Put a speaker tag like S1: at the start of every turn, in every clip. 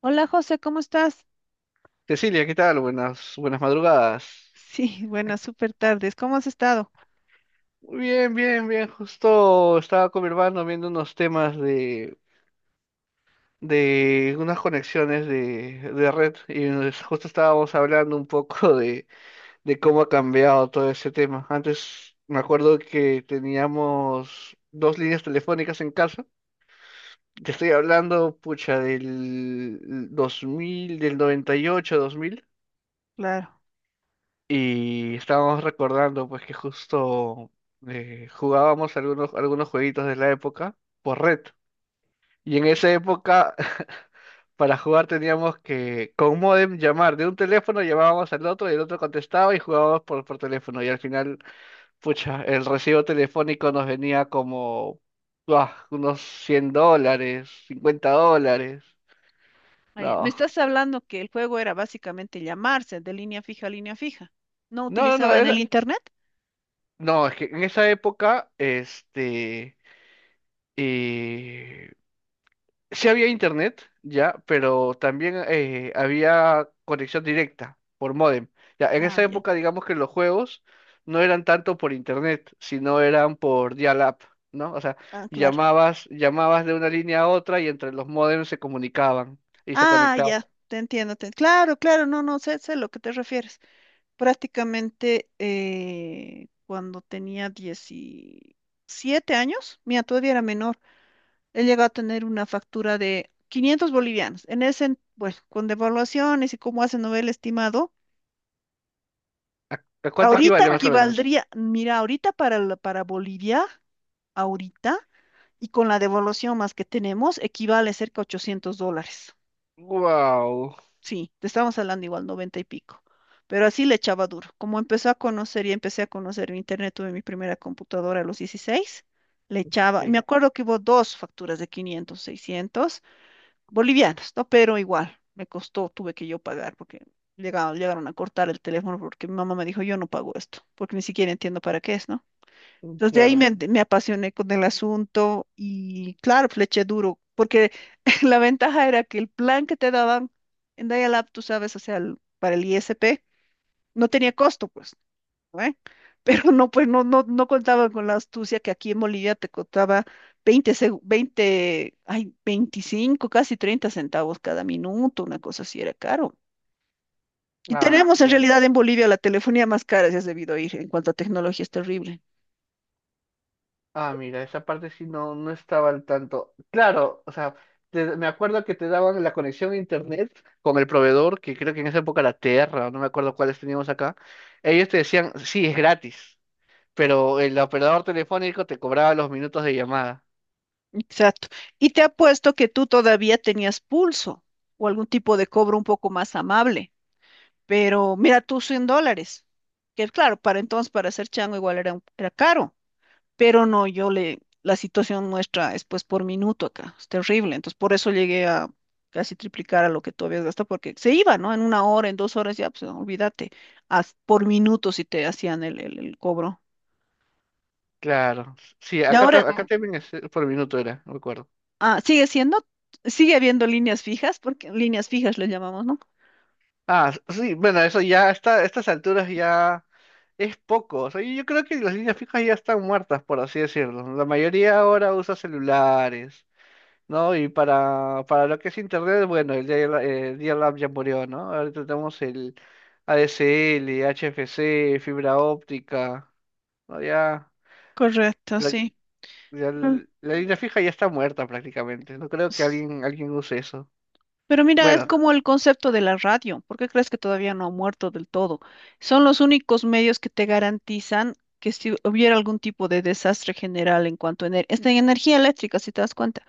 S1: Hola José, ¿cómo estás?
S2: Cecilia, ¿qué tal? Buenas, buenas madrugadas.
S1: Sí,
S2: Ay,
S1: buenas, súper tardes. ¿Cómo has estado?
S2: Bien, bien, bien. Justo estaba con mi hermano viendo unos temas de unas conexiones de red y justo estábamos hablando un poco de cómo ha cambiado todo ese tema. Antes me acuerdo que teníamos dos líneas telefónicas en casa. Te estoy hablando, pucha, del 2000, del 98, 2000.
S1: Claro.
S2: Y estábamos recordando pues que justo jugábamos algunos jueguitos de la época por red. Y en esa época, para jugar teníamos que con modem llamar de un teléfono, llamábamos al otro y el otro contestaba y jugábamos por teléfono. Y al final, pucha, el recibo telefónico nos venía como unos $100, $50.
S1: Vaya, me
S2: No,
S1: estás hablando que el juego era básicamente llamarse de línea fija a línea fija. ¿No
S2: no,
S1: utilizaban el
S2: era...
S1: internet?
S2: No, es que en esa época, este... eh, Sí había internet, ya, pero también había conexión directa por módem. Ya, en
S1: Ah,
S2: esa
S1: ya.
S2: época, digamos que los juegos no eran tanto por internet, sino eran por dial-up, ¿no? O sea,
S1: Ah, claro.
S2: llamabas de una línea a otra y entre los módems se comunicaban y se
S1: Ah,
S2: conectaban.
S1: ya. Te entiendo. Claro, claro. No, no, sé, sé a lo que te refieres. Prácticamente cuando tenía 17 años, mira, todavía era menor. He llegado a tener una factura de 500 bolivianos. Bueno, con devaluaciones y cómo hacen novel estimado,
S2: ¿A cuánto
S1: ¿cuánto ahorita
S2: equivale
S1: fue?
S2: más o menos?
S1: Equivaldría, mira, ahorita para, para Bolivia, ahorita, y con la devaluación más que tenemos, equivale cerca a 800 dólares.
S2: Wow,
S1: Sí, te estamos hablando igual, 90 y pico. Pero así le echaba duro. Como empezó a conocer y empecé a conocer el internet, tuve mi primera computadora a los 16, le echaba. Y me
S2: sí,
S1: acuerdo que hubo dos facturas de 500, 600 bolivianos, ¿no? Pero igual, me costó, tuve que yo pagar porque llegaron, llegaron a cortar el teléfono porque mi mamá me dijo, yo no pago esto, porque ni siquiera entiendo para qué es, ¿no? Entonces de ahí,
S2: claro.
S1: claro, me apasioné con el asunto y claro, pues, le eché duro, porque la ventaja era que el plan que te daban en Dial-Up, tú sabes, o sea, para el ISP, no tenía costo, pues. ¿Eh? Pero no, pues no, no contaba con la astucia que aquí en Bolivia te costaba 20 seg- 20 ay, 25 casi 30 centavos cada minuto, una cosa así era caro. Y
S2: Ah,
S1: tenemos en
S2: claro.
S1: realidad en Bolivia la telefonía más cara, si has debido ir, en cuanto a tecnología es terrible.
S2: Ah, mira, esa parte sí no estaba al tanto. Claro, o sea, me acuerdo que te daban la conexión a internet con el proveedor, que creo que en esa época era Terra, no me acuerdo cuáles teníamos acá. Ellos te decían, sí, es gratis, pero el operador telefónico te cobraba los minutos de llamada.
S1: Exacto. Y te apuesto que tú todavía tenías pulso o algún tipo de cobro un poco más amable. Pero mira tú 100 dólares, que claro, para entonces, para ser chango igual era, era caro, pero no, yo le, la situación nuestra es pues por minuto acá, es terrible, entonces por eso llegué a casi triplicar a lo que tú habías gastado, porque se iba, ¿no? En una hora, en 2 horas, ya, pues olvídate, por minuto si te hacían el cobro.
S2: Claro, sí,
S1: Y no, ahora, pues
S2: acá
S1: no.
S2: también es por minuto era, no me acuerdo.
S1: Sigue siendo, sigue habiendo líneas fijas, porque líneas fijas le llamamos, ¿no?
S2: Ah, sí, bueno, eso ya está, a estas alturas ya es poco. O sea, yo creo que las líneas fijas ya están muertas, por así decirlo. La mayoría ahora usa celulares, ¿no? Y para lo que es Internet, bueno, el dial-up ya murió, ¿no? Ahorita tenemos el ADSL, HFC, fibra óptica, ¿no? Ya,
S1: Correcto,
S2: prac-
S1: sí. Mm.
S2: la línea fija ya está muerta prácticamente. No creo que alguien use eso.
S1: Pero mira, es
S2: Bueno,
S1: como el concepto de la radio. ¿Por qué crees que todavía no ha muerto del todo? Son los únicos medios que te garantizan que si hubiera algún tipo de desastre general en cuanto a esta energía eléctrica, si te das cuenta,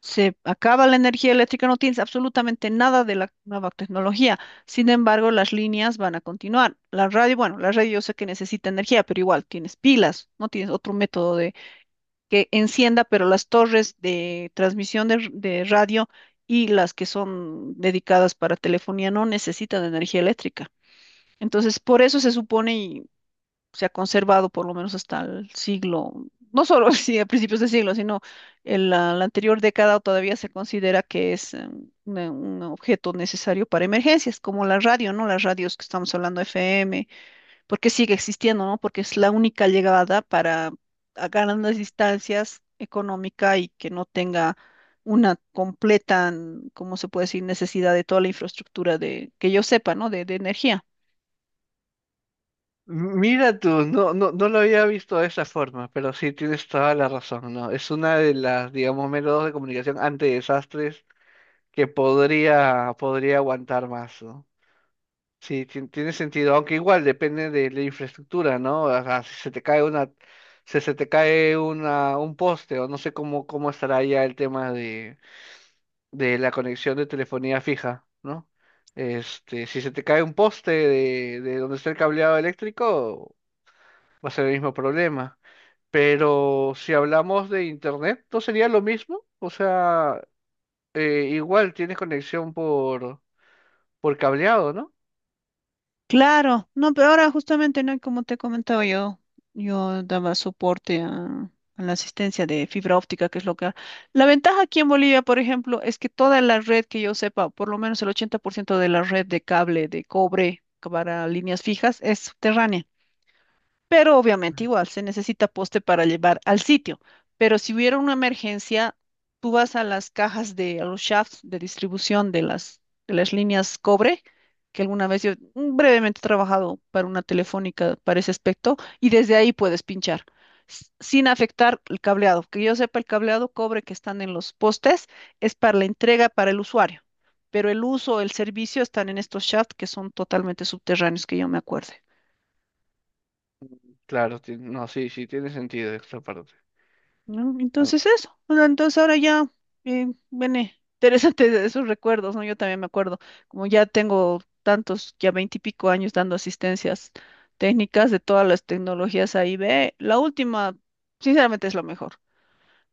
S1: se acaba la energía eléctrica, no tienes absolutamente nada de la nueva tecnología. Sin embargo, las líneas van a continuar. La radio, bueno, la radio yo sé que necesita energía, pero igual tienes pilas, no tienes otro método que encienda, pero las torres de transmisión de radio y las que son dedicadas para telefonía no necesitan energía eléctrica. Entonces, por eso se supone y se ha conservado por lo menos hasta el siglo, no solo sí, a principios de siglo, sino en la anterior década todavía se considera que es un objeto necesario para emergencias, como la radio, ¿no? Las radios que estamos hablando, FM, porque sigue existiendo, ¿no? Porque es la única llegada para a grandes distancias económica y que no tenga una completa, ¿cómo se puede decir? Necesidad de toda la infraestructura de, que yo sepa, ¿no? De energía.
S2: mira tú, no lo había visto de esa forma, pero sí tienes toda la razón, ¿no? Es una de las, digamos, métodos de comunicación ante desastres que podría aguantar más, ¿no? Sí, tiene sentido, aunque igual depende de la infraestructura, ¿no? O sea, si se te cae una, si se te cae un poste, o no sé cómo estará ya el tema de la conexión de telefonía fija, ¿no? Este, si se te cae un poste de donde está el cableado eléctrico, va a ser el mismo problema. Pero si hablamos de internet, ¿no sería lo mismo? O sea, igual tienes conexión por cableado, ¿no?
S1: Claro, no, pero ahora justamente, ¿no? Como te comentaba yo, yo daba soporte a la asistencia de fibra óptica, que es lo que... La ventaja aquí en Bolivia, por ejemplo, es que toda la red que yo sepa, por lo menos el 80% de la red de cable de cobre para líneas fijas es subterránea. Pero obviamente igual se necesita poste para llevar al sitio. Pero si hubiera una emergencia, tú vas a las cajas de a los shafts de distribución de las líneas cobre, que alguna vez yo brevemente he trabajado para una telefónica para ese aspecto, y desde ahí puedes pinchar sin afectar el cableado. Que yo sepa, el cableado cobre que están en los postes es para la entrega para el usuario, pero el uso, el servicio están en estos shafts que son totalmente subterráneos, que yo me acuerde.
S2: Claro, ti- no, sí, sí, tiene sentido esta parte.
S1: ¿No? Entonces
S2: Ah,
S1: eso, o sea, entonces ahora ya, viene interesante de esos recuerdos, ¿no? Yo también me acuerdo, como ya tengo tantos, ya veintipico años dando asistencias técnicas de todas las tecnologías A y B, la última, sinceramente, es lo mejor.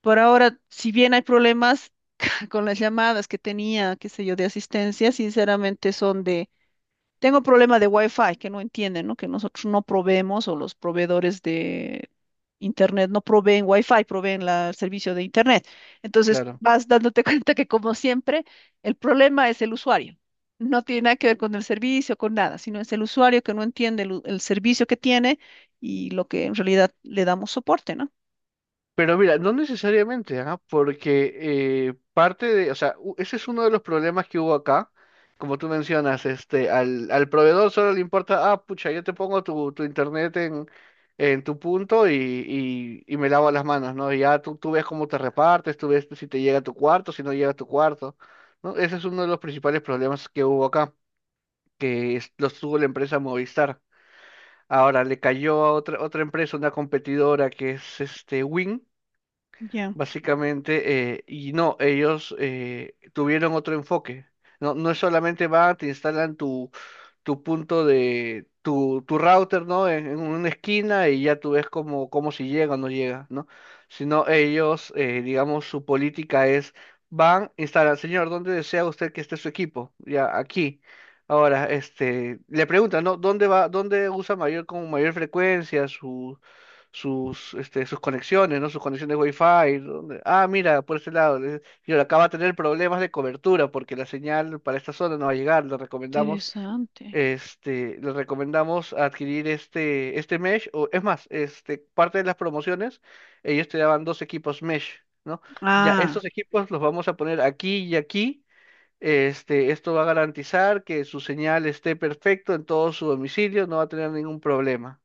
S1: Por ahora, si bien hay problemas con las llamadas que tenía, qué sé yo, de asistencia, sinceramente son de tengo problema de Wi-Fi que no entienden, ¿no? Que nosotros no proveemos o los proveedores de Internet no proveen Wi-Fi, proveen el servicio de Internet. Entonces
S2: claro.
S1: vas dándote cuenta que como siempre, el problema es el usuario. No tiene nada que ver con el servicio, con nada, sino es el usuario que no entiende el servicio que tiene y lo que en realidad le damos soporte, ¿no?
S2: Pero mira, no necesariamente, ¿ah? Porque parte de, o sea, ese es uno de los problemas que hubo acá. Como tú mencionas, este, al proveedor solo le importa, ah, pucha, yo te pongo tu internet en tu punto y me lavo las manos, ¿no? Y ya tú ves cómo te repartes, tú ves si te llega a tu cuarto, si no llega a tu cuarto, ¿no? Ese es uno de los principales problemas que hubo acá, que los tuvo la empresa Movistar. Ahora, le cayó a otra empresa, una competidora que es este Win
S1: Ya,
S2: básicamente, y no, ellos tuvieron otro enfoque. No, no es solamente van, te instalan tu punto de tu router, ¿no? En una esquina y ya tú ves cómo si llega o no llega, ¿no? Sino ellos, digamos, su política es, van, instalan, señor, ¿dónde desea usted que esté su equipo? Ya, aquí. Ahora, este, le preguntan, ¿no? ¿Dónde va, dónde usa mayor, con mayor frecuencia este, sus conexiones, ¿no? Sus conexiones Wi-Fi. ¿Dónde? Ah, mira, por este lado. Y ahora acaba de tener problemas de cobertura porque la señal para esta zona no va a llegar. Le recomendamos
S1: interesante.
S2: este, les recomendamos adquirir este, este mesh, o es más, este, parte de las promociones, ellos te daban dos equipos mesh, ¿no? Ya,
S1: Ah,
S2: estos equipos los vamos a poner aquí y aquí. Este, esto va a garantizar que su señal esté perfecto en todo su domicilio, no va a tener ningún problema.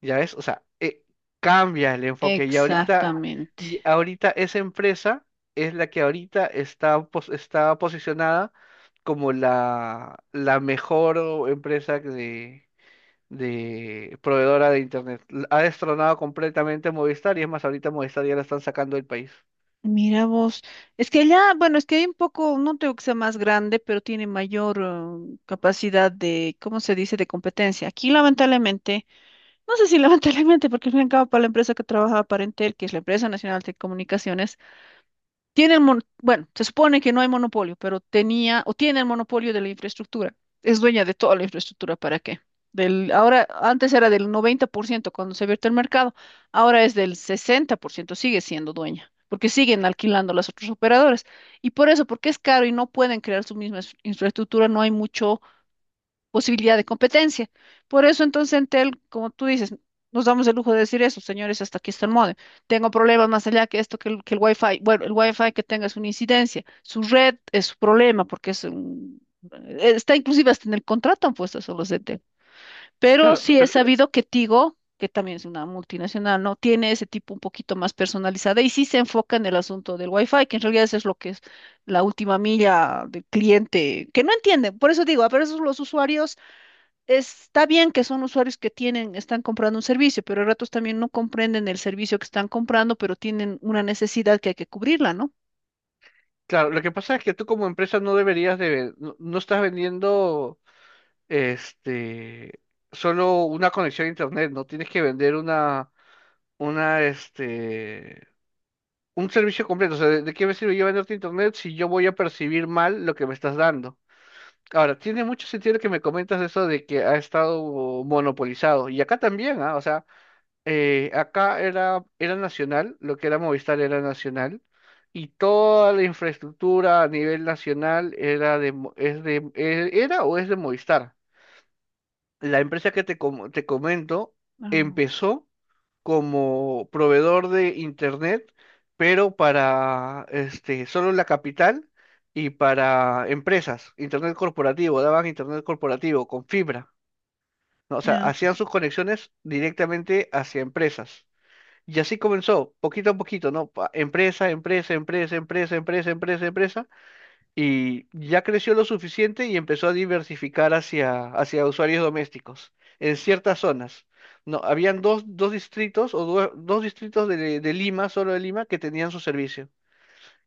S2: ¿Ya ves? O sea, cambia el enfoque
S1: exactamente.
S2: y ahorita esa empresa es la que ahorita está posicionada como la mejor empresa de proveedora de Internet. Ha destronado completamente a Movistar y es más, ahorita Movistar ya la están sacando del país.
S1: Mira vos, es que allá, bueno, es que hay un poco, no tengo que sea más grande, pero tiene mayor capacidad de, ¿cómo se dice?, de competencia. Aquí, lamentablemente, no sé si lamentablemente, porque al fin y al cabo para la empresa que trabajaba para Entel, que es la empresa nacional de comunicaciones, tiene el bueno, se supone que no hay monopolio, pero tenía o tiene el monopolio de la infraestructura. Es dueña de toda la infraestructura, ¿para qué? Ahora, antes era del 90% cuando se abierto el mercado, ahora es del 60% sigue siendo dueña, porque siguen alquilando las otras operadoras. Y por eso, porque es caro y no pueden crear su misma infraestructura, no hay mucho posibilidad de competencia. Por eso entonces Entel, como tú dices, nos damos el lujo de decir eso, señores, hasta aquí está el módem. Tengo problemas más allá que esto, que el Wi-Fi. Bueno, el Wi-Fi que tenga es una incidencia. Su red es su problema porque es un... Está inclusive hasta en el contrato han puesto eso los de Entel. Pero
S2: Claro,
S1: sí he
S2: pero-
S1: sabido que Tigo, que también es una multinacional, ¿no? Tiene ese tipo un poquito más personalizada y sí se enfoca en el asunto del Wi-Fi, que en realidad eso es lo que es la última milla del cliente, que no entiende. Por eso digo, a veces los usuarios está bien que son usuarios que tienen, están comprando un servicio, pero a ratos también no comprenden el servicio que están comprando, pero tienen una necesidad que hay que cubrirla, ¿no?
S2: claro, lo que pasa es que tú como empresa no deberías de, no estás vendiendo este solo una conexión a internet, no tienes que vender este, un servicio completo. O sea, ¿ de qué me sirve yo venderte internet si yo voy a percibir mal lo que me estás dando? Ahora, tiene mucho sentido que me comentas eso de que ha estado monopolizado. Y acá también, ¿ah? O sea, acá era nacional, lo que era Movistar era nacional. Y toda la infraestructura a nivel nacional era de, es de, era o es de Movistar. La empresa que te comento
S1: Ah,
S2: empezó como proveedor de internet, pero para este, solo la capital y para empresas, internet corporativo, daban internet corporativo con fibra, ¿no? O sea,
S1: ya.
S2: hacían sus conexiones directamente hacia empresas. Y así comenzó, poquito a poquito, ¿no? Empresa, empresa, empresa, empresa, empresa, empresa, empresa, y ya creció lo suficiente y empezó a diversificar hacia usuarios domésticos en ciertas zonas. No, habían dos distritos dos distritos de Lima, solo de Lima, que tenían su servicio.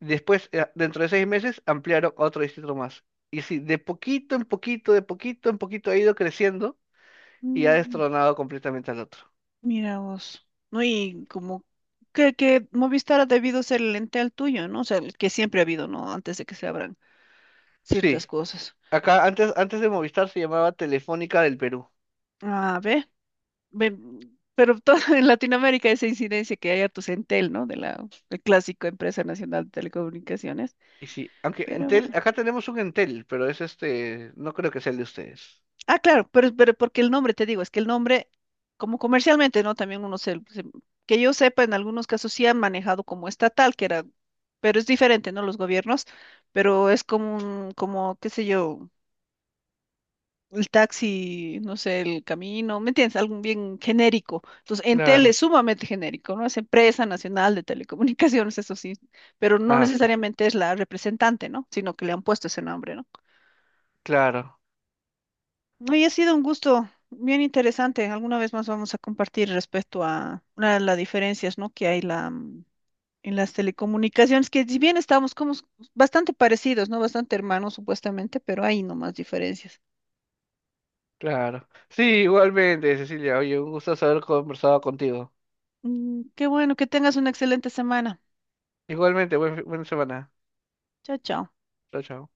S2: Después, dentro de 6 meses, ampliaron a otro distrito más. Y sí, de poquito en poquito, de poquito en poquito ha ido creciendo y ha
S1: Mm,
S2: destronado completamente al otro.
S1: mira vos. No, y como que Movistar ha debido ser el ente al tuyo, ¿no? O sea, el que siempre ha habido, ¿no? Antes de que se abran ciertas
S2: Sí,
S1: cosas.
S2: antes de Movistar se llamaba Telefónica del Perú.
S1: Ah, ve, ve. Pero todo en Latinoamérica esa incidencia que hay hartos Entel, ¿no? De la el clásico empresa nacional de telecomunicaciones.
S2: Y sí, aunque
S1: Pero
S2: Entel,
S1: bueno.
S2: acá tenemos un Entel, pero es este, no creo que sea el de ustedes.
S1: Ah, claro, pero porque el nombre, te digo, es que el nombre, como comercialmente, ¿no? También uno que yo sepa, en algunos casos sí han manejado como estatal, que era, pero es diferente, ¿no? Los gobiernos, pero es como un, como, qué sé yo, el taxi, no sé, el camino, ¿me entiendes? Algo bien genérico. Entonces, Entel es
S2: Claro,
S1: sumamente genérico, ¿no? Es empresa nacional de telecomunicaciones, eso sí, pero no
S2: ah, sí,
S1: necesariamente es la representante, ¿no? Sino que le han puesto ese nombre, ¿no?
S2: claro,
S1: Hoy ha sido un gusto bien interesante. Alguna vez más vamos a compartir respecto a una de las diferencias, ¿no? Que hay la, en las telecomunicaciones, que si bien estamos como bastante parecidos, ¿no? Bastante hermanos supuestamente, pero hay nomás diferencias.
S2: claro. Sí, igualmente, Cecilia, oye, un gusto haber conversado contigo.
S1: Mm, qué bueno, que tengas una excelente semana.
S2: Igualmente, buena semana.
S1: Chao, chao.
S2: Chao, chao.